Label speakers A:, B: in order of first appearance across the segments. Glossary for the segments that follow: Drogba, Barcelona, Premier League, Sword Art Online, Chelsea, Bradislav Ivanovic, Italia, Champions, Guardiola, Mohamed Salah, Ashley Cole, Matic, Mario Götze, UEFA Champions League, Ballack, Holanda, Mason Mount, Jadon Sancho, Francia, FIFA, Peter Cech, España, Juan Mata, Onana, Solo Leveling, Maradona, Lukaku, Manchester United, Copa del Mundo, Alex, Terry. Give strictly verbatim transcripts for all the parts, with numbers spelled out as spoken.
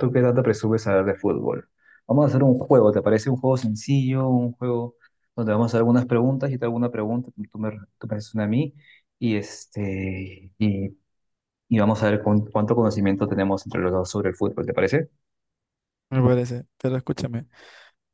A: ¿Tú qué tanto presumes saber de fútbol? Vamos a hacer un juego, ¿te parece un juego sencillo? Un juego donde vamos a hacer algunas preguntas, yo te hago una pregunta, tú tú me, tú me haces una a mí, y, este, y, y vamos a ver cuán- cuánto conocimiento tenemos entre los dos sobre el fútbol, ¿te parece?
B: Me parece, pero escúchame,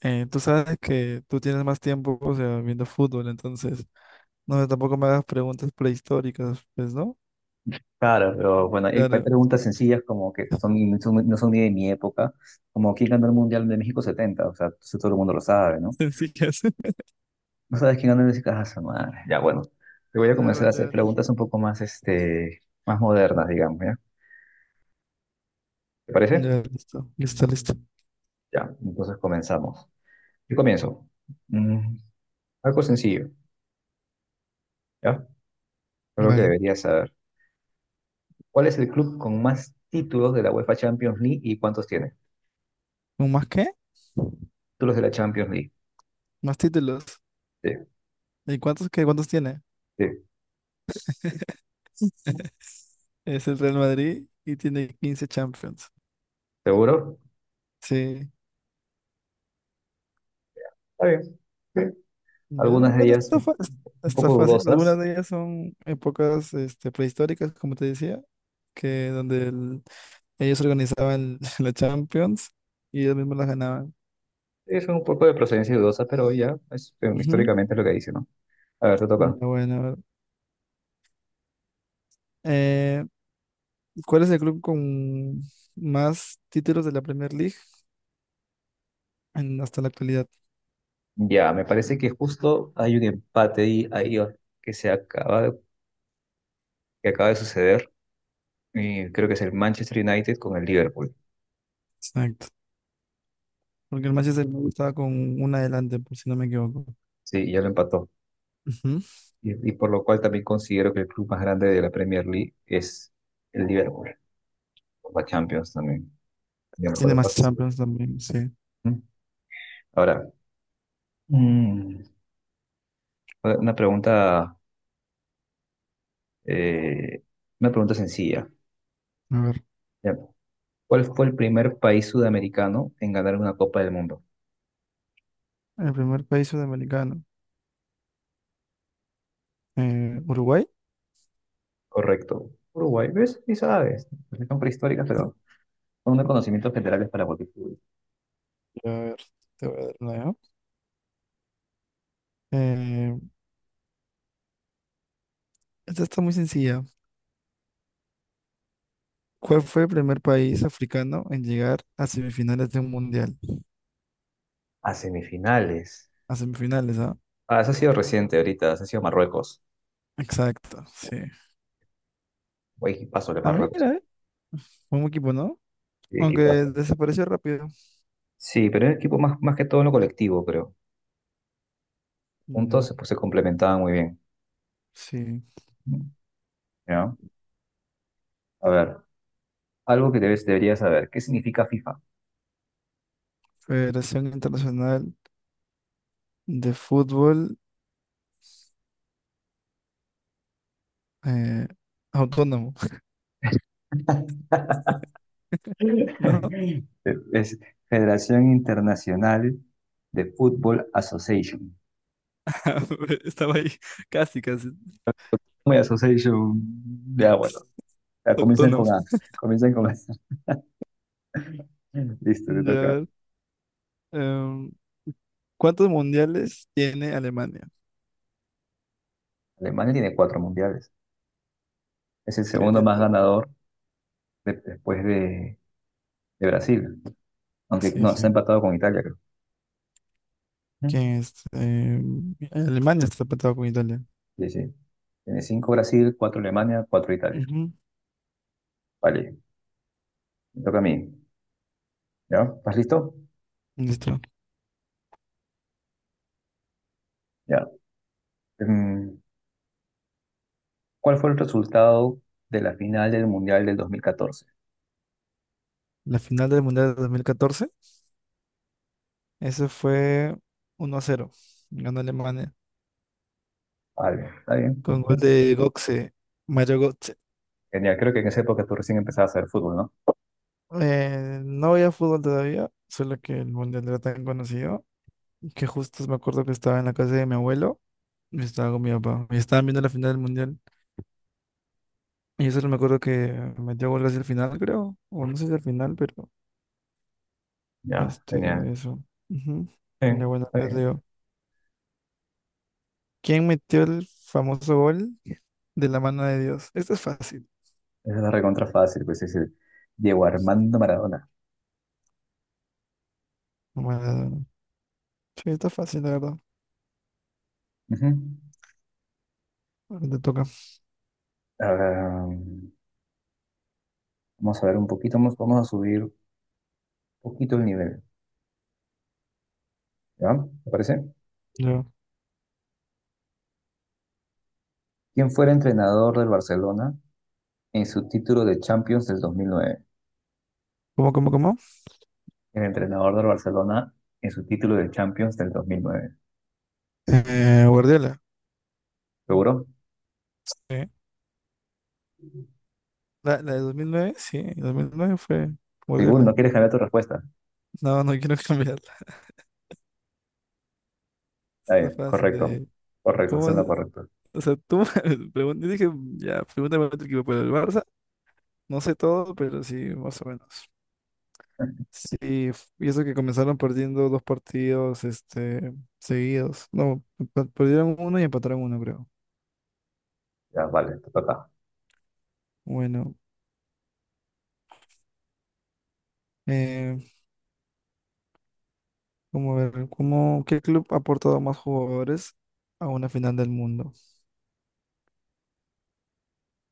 B: eh, tú sabes que tú tienes más tiempo, o sea, viendo fútbol, entonces, no, tampoco me hagas preguntas prehistóricas, pues, ¿no?
A: Claro, pero bueno, hay, hay
B: Claro,
A: preguntas sencillas como que son, son- no son ni de mi época, como quién ganó el Mundial de México setenta, o sea, eso todo el mundo lo sabe, ¿no?
B: sí que hace.
A: No sabes quién ganó el México, ah, su madre. Ya, bueno, te voy a
B: Vale,
A: comenzar a
B: vale,
A: hacer
B: vale.
A: preguntas un poco más, este, más modernas, digamos, ¿ya? ¿Te parece?
B: Ya, listo, listo, listo.
A: Ya, entonces comenzamos. Yo comienzo. Mm, algo sencillo, ¿ya? Creo que
B: Vale.
A: deberías saber. ¿Cuál es el club con más títulos de la UEFA Champions League y cuántos tiene?
B: ¿Un más qué?
A: Títulos de la Champions League.
B: Más títulos.
A: Sí,
B: ¿Y cuántos qué? ¿Cuántos tiene?
A: sí.
B: Es el Real Madrid y tiene quince Champions.
A: ¿Seguro?
B: Sí,
A: Está bien. Sí.
B: ya,
A: Algunas de
B: bueno,
A: ellas
B: está,
A: son
B: fa-
A: un
B: está
A: poco
B: fácil. Algunas
A: dudosas.
B: de ellas son épocas este, prehistóricas, como te decía, que donde el- ellos organizaban la Champions y ellos mismos las ganaban.
A: Sí, son un poco de procedencia dudosa, pero ya es, eh,
B: Ujú.
A: históricamente es lo que dice, ¿no? A ver, te
B: Ya,
A: toca.
B: bueno, a ver. Eh, ¿cuál es el club con más títulos de la Premier League en- hasta la actualidad?
A: Ya, me parece que justo hay un empate ahí, ahí, oh, que se acaba, que acaba de suceder. Y creo que es el Manchester United con el Liverpool.
B: Exacto. Porque el Manchester me estaba con una adelante, por si no me equivoco.
A: Sí, ya lo empató.
B: Ujú.
A: Y, y por lo cual también considero que el club más grande de la Premier League es el Liverpool, o la Champions también. Yo mejor
B: Tiene
A: la
B: más Champions
A: participación.
B: también, sí.
A: ¿Mm? Ahora, mm, una pregunta, eh, una pregunta sencilla.
B: A ver,
A: Ya. ¿Cuál fue el primer país sudamericano en ganar una Copa del Mundo?
B: el primer país sudamericano, eh, Uruguay.
A: Correcto. Uruguay, ¿ves? ¿Y sabes. Son prehistóricas, pero son unos conocimientos generales para multitud.
B: A ver, te voy a dar una, ¿ya? Eh, esta está muy sencilla. ¿Cuál fue el primer país africano en llegar a semifinales de un mundial?
A: A semifinales.
B: A semifinales, ¿ah?
A: Ah, eso ha sido reciente ahorita, eso ha sido Marruecos.
B: Exacto, sí.
A: Guay, paso de
B: Ah,
A: Marruecos.
B: mira, ¿eh? Un equipo, ¿no?
A: Sí,
B: Aunque
A: equipazo.
B: desapareció rápido.
A: Sí, pero era equipo más, más que todo en lo colectivo, pero
B: No,
A: juntos pues, se complementaban muy bien.
B: sí.
A: ¿No? A ver, algo que debes, deberías saber. ¿Qué significa FIFA?
B: Federación Internacional de Fútbol, eh, Autónomo, ¿no?
A: Es Federación Internacional de Football Association.
B: Estaba ahí casi, casi.
A: Muy association. Ya, bueno. Ya, comienzan
B: Autónomo.
A: con A. Comienzan con A. Listo, te
B: Ya, a
A: toca.
B: ver. em, ¿cuántos mundiales tiene Alemania?
A: Alemania tiene cuatro mundiales. Es el
B: Sí,
A: segundo
B: tiene
A: más
B: cuatro.
A: ganador de- después de, de Brasil. Aunque
B: Sí,
A: no, está
B: sí.
A: empatado con Italia, creo.
B: ¿Quién es? Eh, Alemania está empatado con Italia.
A: Sí, sí. Tiene cinco Brasil, cuatro Alemania, cuatro Italia.
B: Ujú.
A: Vale, me toca a mí. ¿Ya? ¿Estás listo?
B: Listo.
A: Ya. Em, ¿cuál fue el resultado de la final del Mundial del dos mil catorce?
B: La final del Mundial de dos mil catorce, ese fue uno a cero. Ganó Alemania
A: Vale, está bien.
B: con gol
A: ¿Ves?
B: de Götze, Mario Götze.
A: Genial, creo que en esa época tú recién empezabas a hacer fútbol, ¿no?
B: Eh, no veía fútbol todavía, solo que el Mundial era tan conocido que justo me acuerdo que estaba en la casa de mi abuelo y estaba con mi papá. Y estaban viendo la final del Mundial. Y yo solo me acuerdo que metió gol casi el final, creo. O no sé si al final, pero
A: Ya,
B: este,
A: genial.
B: eso. Ujú.
A: Sí,
B: Ya, bueno,
A: está
B: te
A: bien.
B: digo. ¿Quién metió el famoso gol de la mano de Dios? Esto es fácil.
A: Esa es la recontra fácil, pues es el Diego Armando Maradona.
B: Maradona. Sí, está fácil, la verdad.
A: Ujú.
B: Ahora te toca.
A: Ah, vamos a ver un poquito, vamos, vamos a subir un poquito el nivel. ¿Ya? ¿Te parece?
B: Yo.
A: ¿Quién fue el entrenador del Barcelona en su título de Champions del dos mil nueve?
B: ¿Cómo, cómo, cómo?
A: El entrenador del Barcelona en su título de Champions del dos mil nueve.
B: Eh, Guardiola.
A: ¿Seguro?
B: Sí. La, la de dos mil nueve sí. Dos mil nueve fue
A: Seguro, no
B: Guardiola.
A: quieres cambiar tu respuesta.
B: No, no quiero cambiarla.
A: Está
B: Está
A: bien,
B: fácil.
A: correcto.
B: eh.
A: Correcto, es
B: ¿Cómo? se-
A: lo correcto.
B: O sea, tú me pregun- yo dije, ya, pregúntame otro equipo, pero el Barça, no sé todo, pero sí, más o menos. Sí, f- y eso que comenzaron perdiendo dos partidos, este, seguidos. No, pe- perdieron uno y empataron uno, creo.
A: Ya, vale, te toca.
B: Bueno, eh, como ver, ¿cómo, qué club ha aportado más jugadores a una final del mundo?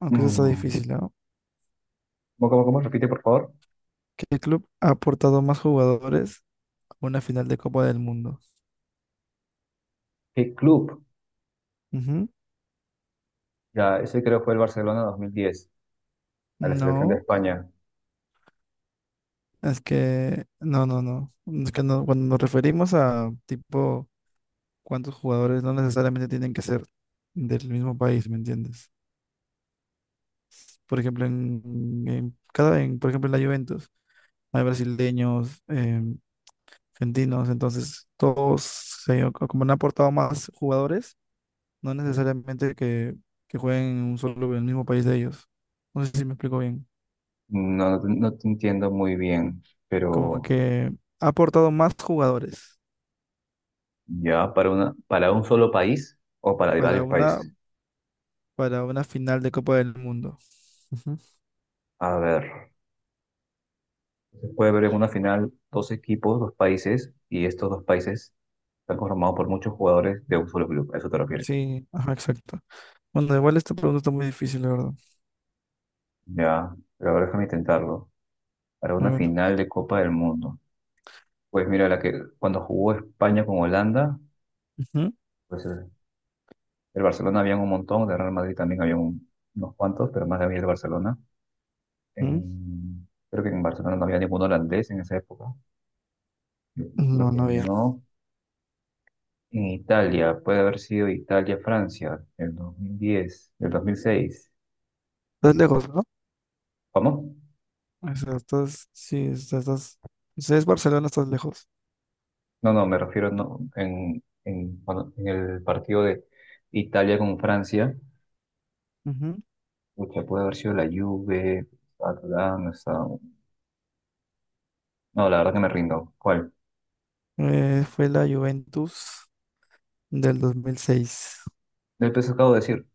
B: Aunque eso está
A: Mm.
B: difícil, ¿no?
A: ¿Cómo, cómo, cómo? Repite, por favor.
B: ¿Qué club ha aportado más jugadores a una final de Copa del Mundo?
A: ¿Qué club?
B: Ujú.
A: Ya, ese creo fue el Barcelona dos mil diez, a la selección de
B: No,
A: España.
B: es que, no, no, no. Es que no, cuando nos referimos a tipo cuántos jugadores no necesariamente tienen que ser del mismo país, ¿me entiendes? Por ejemplo, en, en cada, en, por ejemplo, en la Juventus hay brasileños, em, argentinos, entonces todos se, o como han aportado más jugadores, no necesariamente que, que jueguen en un solo, en el mismo país de ellos. No sé si me explico bien.
A: No, no, te no te entiendo muy bien,
B: Como
A: pero
B: que ha aportado más jugadores
A: ya, para una, para un solo país o para
B: para
A: varios
B: una,
A: países.
B: para una final de Copa del Mundo. Ujú.
A: A ver. Se puede ver en una final dos equipos, dos países, y estos dos países están conformados por muchos jugadores de un solo club. ¿A eso te refieres?
B: Sí, ajá, exacto. Bueno, igual esta pregunta está muy difícil, la verdad.
A: Ya, pero ahora déjame intentarlo. Para
B: A
A: una
B: ver.
A: final de Copa del Mundo. Pues mira, la que cuando jugó España con Holanda,
B: Ujú,
A: pues el, el Barcelona había un montón, de Real Madrid también había un- unos cuantos, pero más había el Barcelona.
B: ujú.
A: En- creo que en Barcelona no había ningún holandés en esa época. Yo creo
B: No,
A: que
B: no había.
A: no. En Italia, puede haber sido Italia-Francia, el dos mil diez, el dos mil seis.
B: Estás lejos, ¿no?
A: ¿Cómo?
B: O sea, estás, sí, o sea, estás, o sea, es Barcelona, estás lejos.
A: No, no, me refiero no, en, en, cuando- en el partido de Italia con Francia.
B: Ujú.
A: Pucha, puede haber sido la Juve, estaba estaba- no, la verdad que me rindo. ¿Cuál?
B: Eh, fue la Juventus del dos mil seis.
A: Del peso acabo de decir.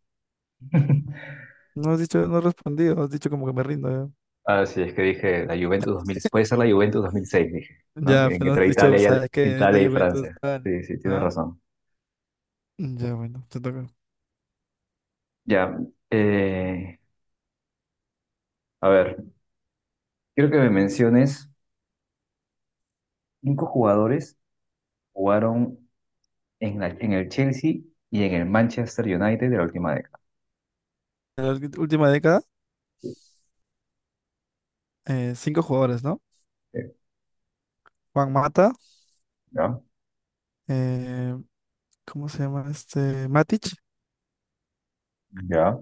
B: No has dicho, no has respondido, has dicho como que me rindo. Ya,
A: Ah, sí, es que dije la Juventus dos mil, puede ser la Juventus dos mil seis, dije, ¿no?
B: ya,
A: En-
B: pero no has
A: Entre
B: dicho,
A: Italia y, Al-
B: ¿sabes qué? Es la
A: Italia y
B: Juventus
A: Francia.
B: tal.
A: Sí, sí, tienes
B: ¿Ah?
A: razón.
B: Ya, bueno, te toca.
A: Ya, eh, a ver, quiero que me menciones cinco jugadores que jugaron en, la- en el Chelsea y en el Manchester United de la última.
B: En la ulti- última década, eh, cinco jugadores, ¿no?
A: Eh,
B: Juan Mata,
A: Ya,
B: eh, ¿cómo se llama este? Matic,
A: ya,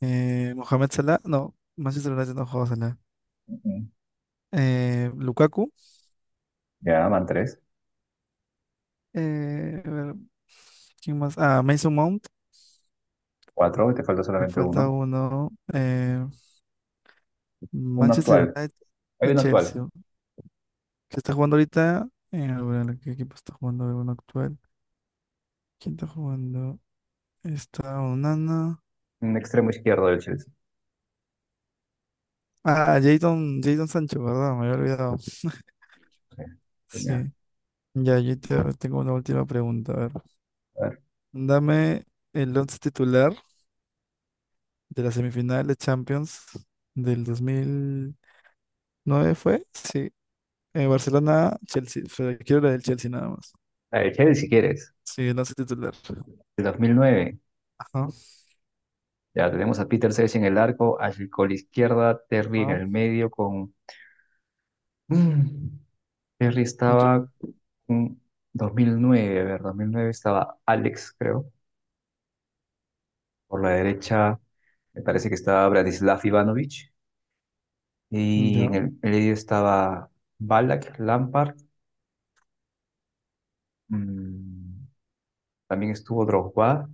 B: eh, Mohamed Salah, no, Manchester United no jugó a Salah.
A: ujú,
B: Eh, Lukaku.
A: ya, van tres,
B: Eh, a ver, ¿quién más? Ah, Mason Mount.
A: cuatro, y te falta
B: Me
A: solamente
B: falta
A: uno.
B: uno. Eh,
A: Uno
B: Manchester
A: actual,
B: United
A: hay
B: y
A: uno actual,
B: Chelsea. ¿Qué está jugando ahorita? Eh, a ver, ¿qué equipo está jugando? A ver, uno actual. ¿Quién está jugando? Está Onana.
A: un extremo izquierdo del Chelsea.
B: Ah, Jadon, Jadon Sancho, perdón, me había olvidado.
A: Sí, genial.
B: Sí. Ya, yo te- tengo una última pregunta. A ver,
A: A ver,
B: dame el once titular de la semifinal de Champions del dos mil nueve ¿fue? Sí. Eh, Barcelona, Chelsea. Pero quiero la del Chelsea nada más.
A: la del Chelsea si quieres,
B: Sí, la hace titular.
A: de dos mil nueve.
B: Ajá,
A: Ya tenemos a Peter Cech en el arco, Ashley Cole izquierda, Terry en
B: ajá.
A: el medio con... Mm, Terry
B: Ya,
A: estaba en dos mil nueve, a ver, dos mil nueve estaba Alex, creo. Por la derecha me parece que estaba Bradislav Ivanovic. Y en
B: ya.
A: el medio estaba Ballack, Lampard, mm, también estuvo Drogba,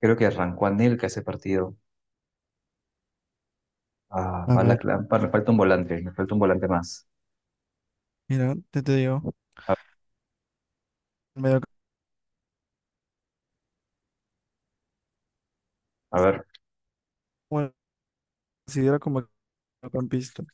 A: creo que arrancó Anelka ese partido. Ah,
B: A ver,
A: Ballack, Lampard, me falta un volante, me falta un volante más.
B: mira, te, te digo.
A: A,
B: Medio,
A: a ver,
B: bueno, considero como campista.